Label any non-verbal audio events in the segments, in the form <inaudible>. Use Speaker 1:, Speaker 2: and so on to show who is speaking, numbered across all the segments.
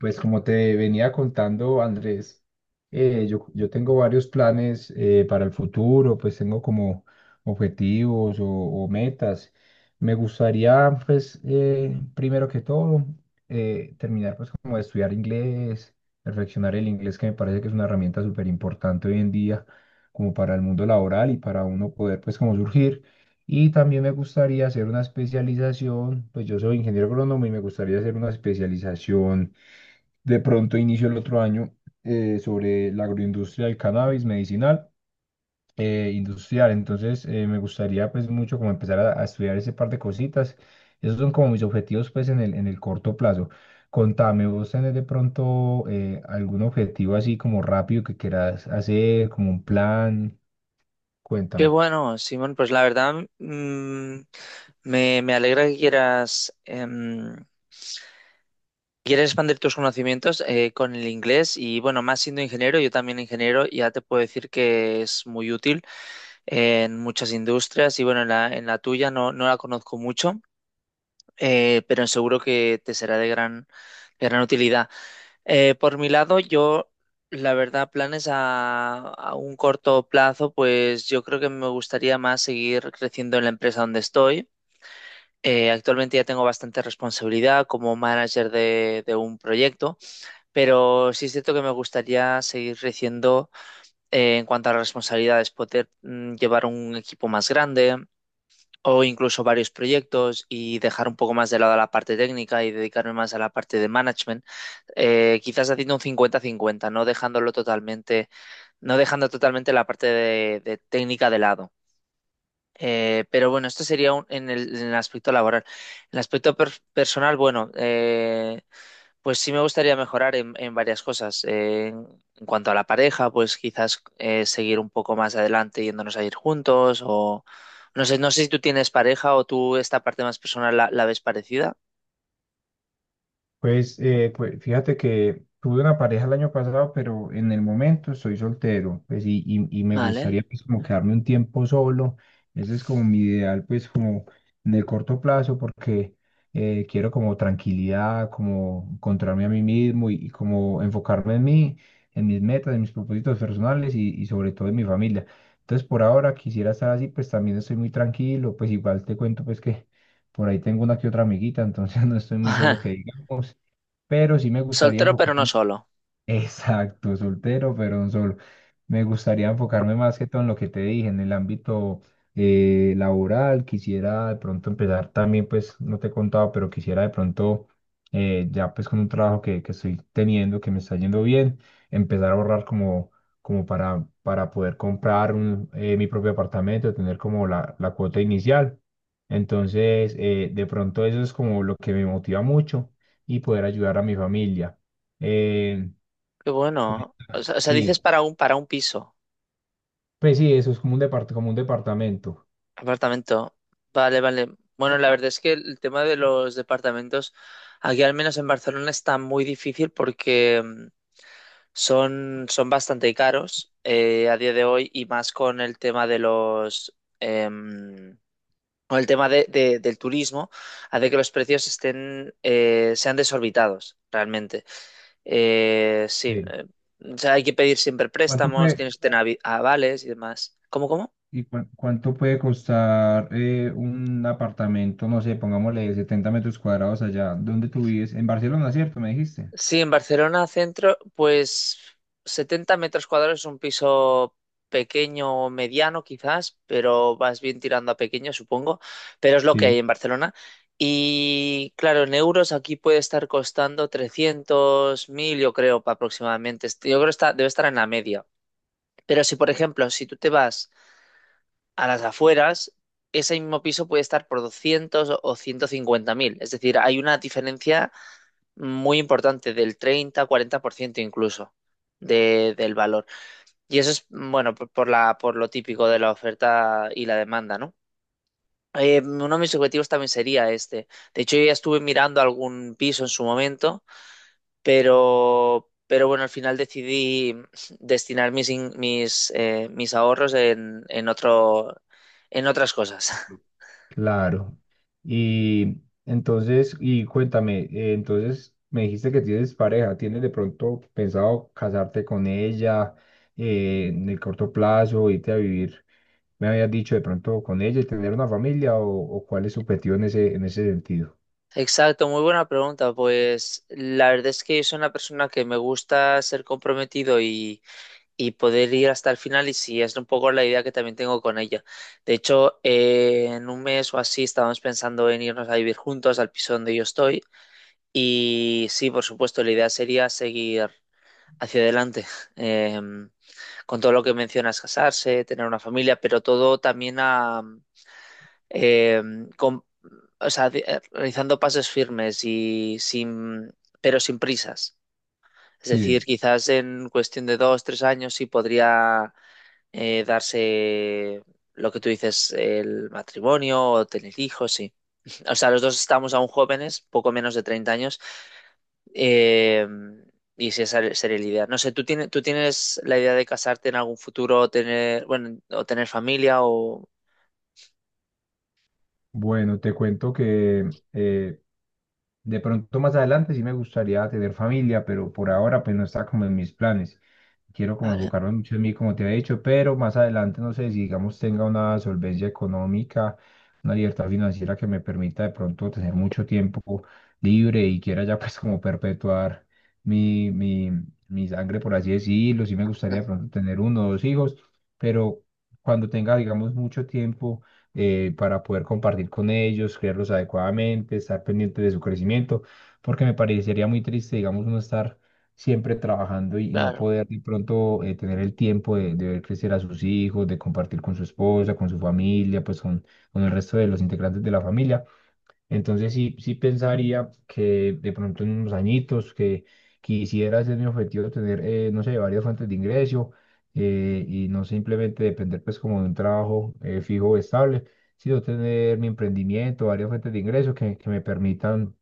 Speaker 1: Pues como te venía contando, Andrés, yo tengo varios planes para el futuro. Pues tengo como objetivos o metas. Me gustaría, pues, primero que todo, terminar pues como de estudiar inglés, perfeccionar el inglés, que me parece que es una herramienta súper importante hoy en día, como para el mundo laboral y para uno poder pues como surgir. Y también me gustaría hacer una especialización. Pues yo soy ingeniero agrónomo y me gustaría hacer una especialización de pronto inicio el otro año, sobre la agroindustria del cannabis medicinal, industrial. Entonces me gustaría pues mucho como empezar a estudiar ese par de cositas. Esos son como mis objetivos pues en el corto plazo. Contame, vos tenés de pronto algún objetivo así como rápido que quieras hacer, como un plan,
Speaker 2: Qué
Speaker 1: cuéntame.
Speaker 2: bueno, Simón, pues la verdad, me alegra que quieras expandir tus conocimientos con el inglés y bueno, más siendo ingeniero, yo también ingeniero, ya te puedo decir que es muy útil en muchas industrias y bueno, en la tuya no, no la conozco mucho, pero seguro que te será de gran utilidad. Por mi lado, yo, la verdad, planes a, un corto plazo, pues yo creo que me gustaría más seguir creciendo en la empresa donde estoy. Actualmente ya tengo bastante responsabilidad como manager de un proyecto, pero sí es cierto que me gustaría seguir creciendo en cuanto a las responsabilidades, poder llevar un equipo más grande, o incluso varios proyectos y dejar un poco más de lado la parte técnica y dedicarme más a la parte de management, quizás haciendo un 50-50, no dejándolo totalmente, no dejando totalmente la parte de técnica de lado. Pero bueno, esto sería en el aspecto laboral. En el aspecto personal, bueno, pues sí me gustaría mejorar en varias cosas. En cuanto a la pareja, pues quizás, seguir un poco más adelante yéndonos a ir juntos o no sé, no sé si tú tienes pareja o tú esta parte más personal la ves parecida.
Speaker 1: Pues, pues fíjate que tuve una pareja el año pasado, pero en el momento estoy soltero, pues y me
Speaker 2: Vale.
Speaker 1: gustaría pues como quedarme un tiempo solo. Ese es como mi ideal, pues como en el corto plazo, porque quiero como tranquilidad, como encontrarme a mí mismo y como enfocarme en mí, en mis metas, en mis propósitos personales y sobre todo en mi familia. Entonces, por ahora quisiera estar así. Pues también estoy muy tranquilo, pues igual te cuento pues que por ahí tengo una que otra amiguita, entonces <laughs> no estoy muy solo
Speaker 2: <laughs>
Speaker 1: que diga, pero sí me gustaría
Speaker 2: Soltero pero no
Speaker 1: enfocarme.
Speaker 2: solo.
Speaker 1: Exacto, soltero, pero un solo. Me gustaría enfocarme más que todo en lo que te dije, en el ámbito laboral. Quisiera de pronto empezar también, pues no te he contado, pero quisiera de pronto, ya pues con un trabajo que estoy teniendo, que me está yendo bien, empezar a ahorrar como, como para poder comprar un, mi propio apartamento, tener como la cuota inicial. Entonces, de pronto eso es como lo que me motiva mucho y poder ayudar a mi familia. Eh,
Speaker 2: Qué bueno. O sea, dices
Speaker 1: sí,
Speaker 2: para un, piso,
Speaker 1: pues sí, eso es como un, como un departamento.
Speaker 2: apartamento. Vale, vale. Bueno, la verdad es que el tema de los departamentos aquí al menos en Barcelona está muy difícil porque son bastante caros, a día de hoy, y más con el tema de los, em, con el tema del turismo, hace que los precios estén sean desorbitados realmente. Sí,
Speaker 1: Sí.
Speaker 2: o sea, hay que pedir siempre
Speaker 1: ¿Cuánto
Speaker 2: préstamos,
Speaker 1: puede,
Speaker 2: tienes que tener avales y demás. ¿Cómo, cómo?
Speaker 1: y cuánto puede costar un apartamento, no sé, pongámosle 70 metros cuadrados allá donde tú vives? En Barcelona, ¿cierto? Me dijiste.
Speaker 2: Sí, en Barcelona centro, pues 70 m² es un piso pequeño o mediano quizás, pero vas bien tirando a pequeño, supongo, pero es lo que hay
Speaker 1: Sí.
Speaker 2: en Barcelona. Y claro, en euros aquí puede estar costando 300.000, yo creo, aproximadamente. Yo creo que está, debe estar en la media. Pero si, por ejemplo, si tú te vas a las afueras, ese mismo piso puede estar por 200 o 150.000. Es decir, hay una diferencia muy importante, del 30-40%, incluso del valor. Y eso es, bueno, por lo típico de la oferta y la demanda, ¿no? Uno de mis objetivos también sería este. De hecho, yo ya estuve mirando algún piso en su momento, pero bueno, al final decidí destinar mis ahorros en otras cosas. <laughs>
Speaker 1: Claro. Y entonces, y cuéntame, entonces me dijiste que tienes pareja. ¿Tienes de pronto pensado casarte con ella en el corto plazo, irte a vivir, me habías dicho de pronto con ella y tener una familia, o cuál es su objetivo en ese sentido?
Speaker 2: Exacto, muy buena pregunta. Pues la verdad es que yo soy una persona que me gusta ser comprometido y poder ir hasta el final, y si es un poco la idea que también tengo con ella. De hecho, en un mes o así estábamos pensando en irnos a vivir juntos al piso donde yo estoy, y sí, por supuesto, la idea sería seguir hacia adelante. <laughs> eh, con todo lo que mencionas, casarse, tener una familia, pero todo también eh, con- o sea, realizando pasos firmes y sin, pero sin prisas. Es decir, quizás en cuestión de 2, 3 años sí podría, darse lo que tú dices, el matrimonio o tener hijos, sí. <laughs> O sea, los dos estamos aún jóvenes, poco menos de 30 años, eh, y sí, esa sería la idea. No sé, ¿tú tienes la idea de casarte en algún futuro, o tener, bueno, o tener familia o...?
Speaker 1: Bueno, te cuento que de pronto más adelante sí me gustaría tener familia, pero por ahora pues no está como en mis planes. Quiero como
Speaker 2: Vale,
Speaker 1: enfocarme mucho en mí, como te había dicho, pero más adelante no sé si digamos tenga una solvencia económica, una libertad financiera que me permita de pronto tener mucho tiempo libre y quiera ya <laughs> pues como perpetuar mi, mi, mi sangre, por así decirlo. Sí me gustaría
Speaker 2: no,
Speaker 1: de pronto tener uno o dos hijos, pero cuando tenga digamos mucho tiempo para poder compartir con ellos, criarlos adecuadamente, estar pendiente de su crecimiento, porque me parecería muy triste, digamos, uno estar siempre trabajando y no
Speaker 2: claro,
Speaker 1: poder de pronto tener el tiempo de ver crecer a sus hijos, de compartir con su esposa, con su familia, pues con el resto de los integrantes de la familia. Entonces sí, sí pensaría que de pronto en unos añitos que quisiera ser mi objetivo tener, no sé, varias fuentes de ingreso y no simplemente depender pues como de un trabajo fijo o estable, sino tener mi emprendimiento, varias fuentes de ingreso que me permitan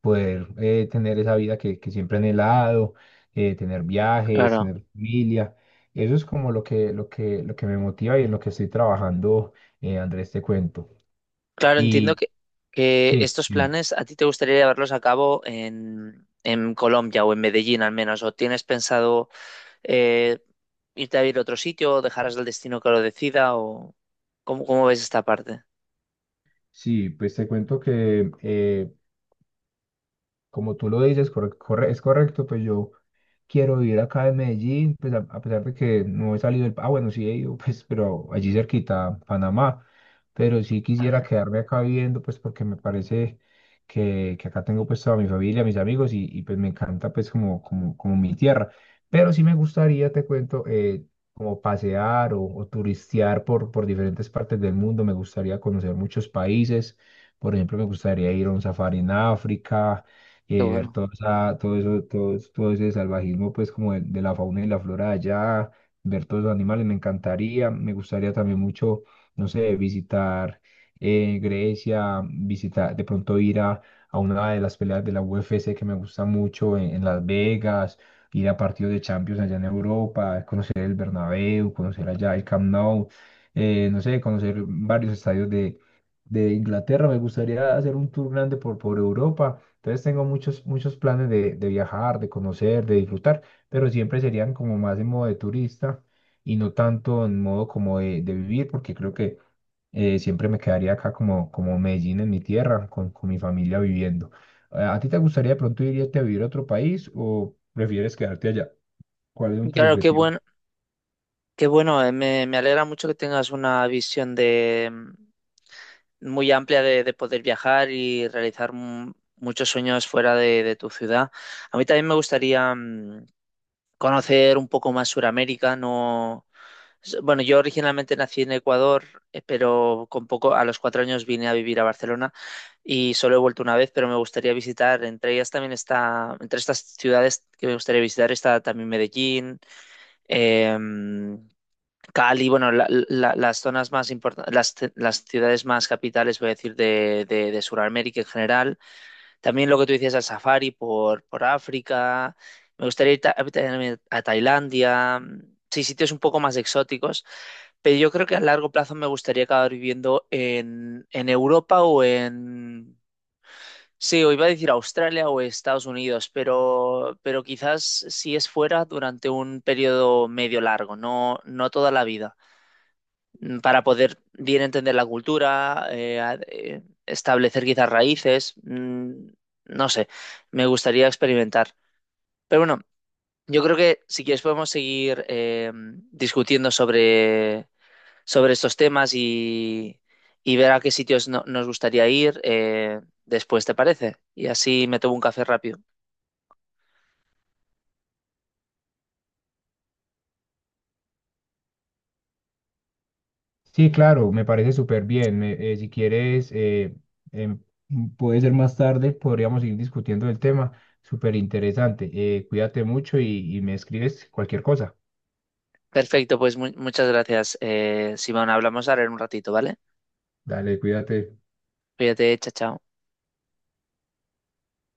Speaker 1: poder tener esa vida que siempre he anhelado, tener viajes,
Speaker 2: claro.
Speaker 1: tener familia. Eso es como lo que, lo que, lo que me motiva y en lo que estoy trabajando, Andrés, te cuento.
Speaker 2: Claro, entiendo
Speaker 1: Y
Speaker 2: que,
Speaker 1: sí.
Speaker 2: estos planes a ti te gustaría llevarlos a cabo en Colombia o en Medellín al menos, o tienes pensado, eh, irte a vivir a otro sitio, o dejarás al destino que lo decida, o cómo, ¿cómo ves esta parte?
Speaker 1: Sí, pues te cuento que como tú lo dices, es correcto, pues yo quiero vivir acá en Medellín, pues a pesar de que no he salido del... Ah, bueno, sí he ido, <laughs> pues, pero allí cerquita, Panamá, pero sí quisiera
Speaker 2: Vale,
Speaker 1: quedarme acá viviendo, pues porque me parece que acá tengo pues toda mi familia, mis amigos y, pues me encanta pues como, como, como mi tierra, pero sí me gustaría, te cuento, como pasear o turistear por diferentes partes del mundo. Me gustaría conocer muchos países. Por ejemplo, me gustaría ir a un safari en África,
Speaker 2: qué
Speaker 1: ver
Speaker 2: bueno.
Speaker 1: todo eso, todo, todo ese salvajismo, pues como de la fauna y la flora de allá, ver todos los animales, me encantaría, me gustaría también mucho, no sé, visitar Grecia, visitar, de pronto ir a una de las peleas de la UFC que me gusta mucho en Las Vegas, ir a partidos de Champions allá en Europa, conocer el Bernabéu, conocer allá el Camp Nou, no sé, conocer varios estadios de Inglaterra. Me gustaría hacer un tour grande por Europa. Entonces tengo muchos, muchos planes de viajar, de conocer, de disfrutar, pero siempre serían como más en modo de turista y no tanto en modo como de vivir, porque creo que siempre me quedaría acá como, como Medellín en mi tierra, con mi familia viviendo. A ti te gustaría de pronto irte a vivir a otro país o prefieres quedarte allá? ¿Cuáles son
Speaker 2: Y
Speaker 1: tus
Speaker 2: claro,
Speaker 1: objetivos?
Speaker 2: qué bueno, me alegra mucho que tengas una visión, de muy amplia, de poder viajar y realizar muchos sueños fuera de tu ciudad. A mí también me gustaría, conocer un poco más Suramérica, no. Bueno, yo originalmente nací en Ecuador, pero con poco, a los 4 años vine a vivir a Barcelona, y solo he vuelto una vez, pero me gustaría visitar, entre ellas también está, entre estas ciudades que me gustaría visitar está también Medellín, em, Cali, bueno, las zonas más importantes, las ciudades más capitales, voy a decir, de Sudamérica en general. También lo que tú decías, al safari por África. Me gustaría ir a Tailandia, sí, sitios un poco más exóticos. Pero yo creo que a largo plazo me gustaría acabar viviendo en Europa o en... Sí, o iba a decir Australia o Estados Unidos, pero, quizás si es fuera durante un periodo medio largo, no, no toda la vida. Para poder bien entender la cultura, establecer quizás raíces. No sé, me gustaría experimentar. Pero bueno, yo creo que si quieres podemos seguir, discutiendo sobre estos temas, y ver a qué sitios nos gustaría ir, después, ¿te parece? Y así me tomo un café rápido.
Speaker 1: Sí, claro, me parece súper bien. Si quieres, em, puede ser más tarde, podríamos ir discutiendo el tema. Súper interesante. Cuídate mucho y me escribes cualquier cosa.
Speaker 2: Perfecto, pues muchas gracias, Simón. Hablamos ahora en un ratito, ¿vale?
Speaker 1: Dale, cuídate.
Speaker 2: Cuídate, chao, chao.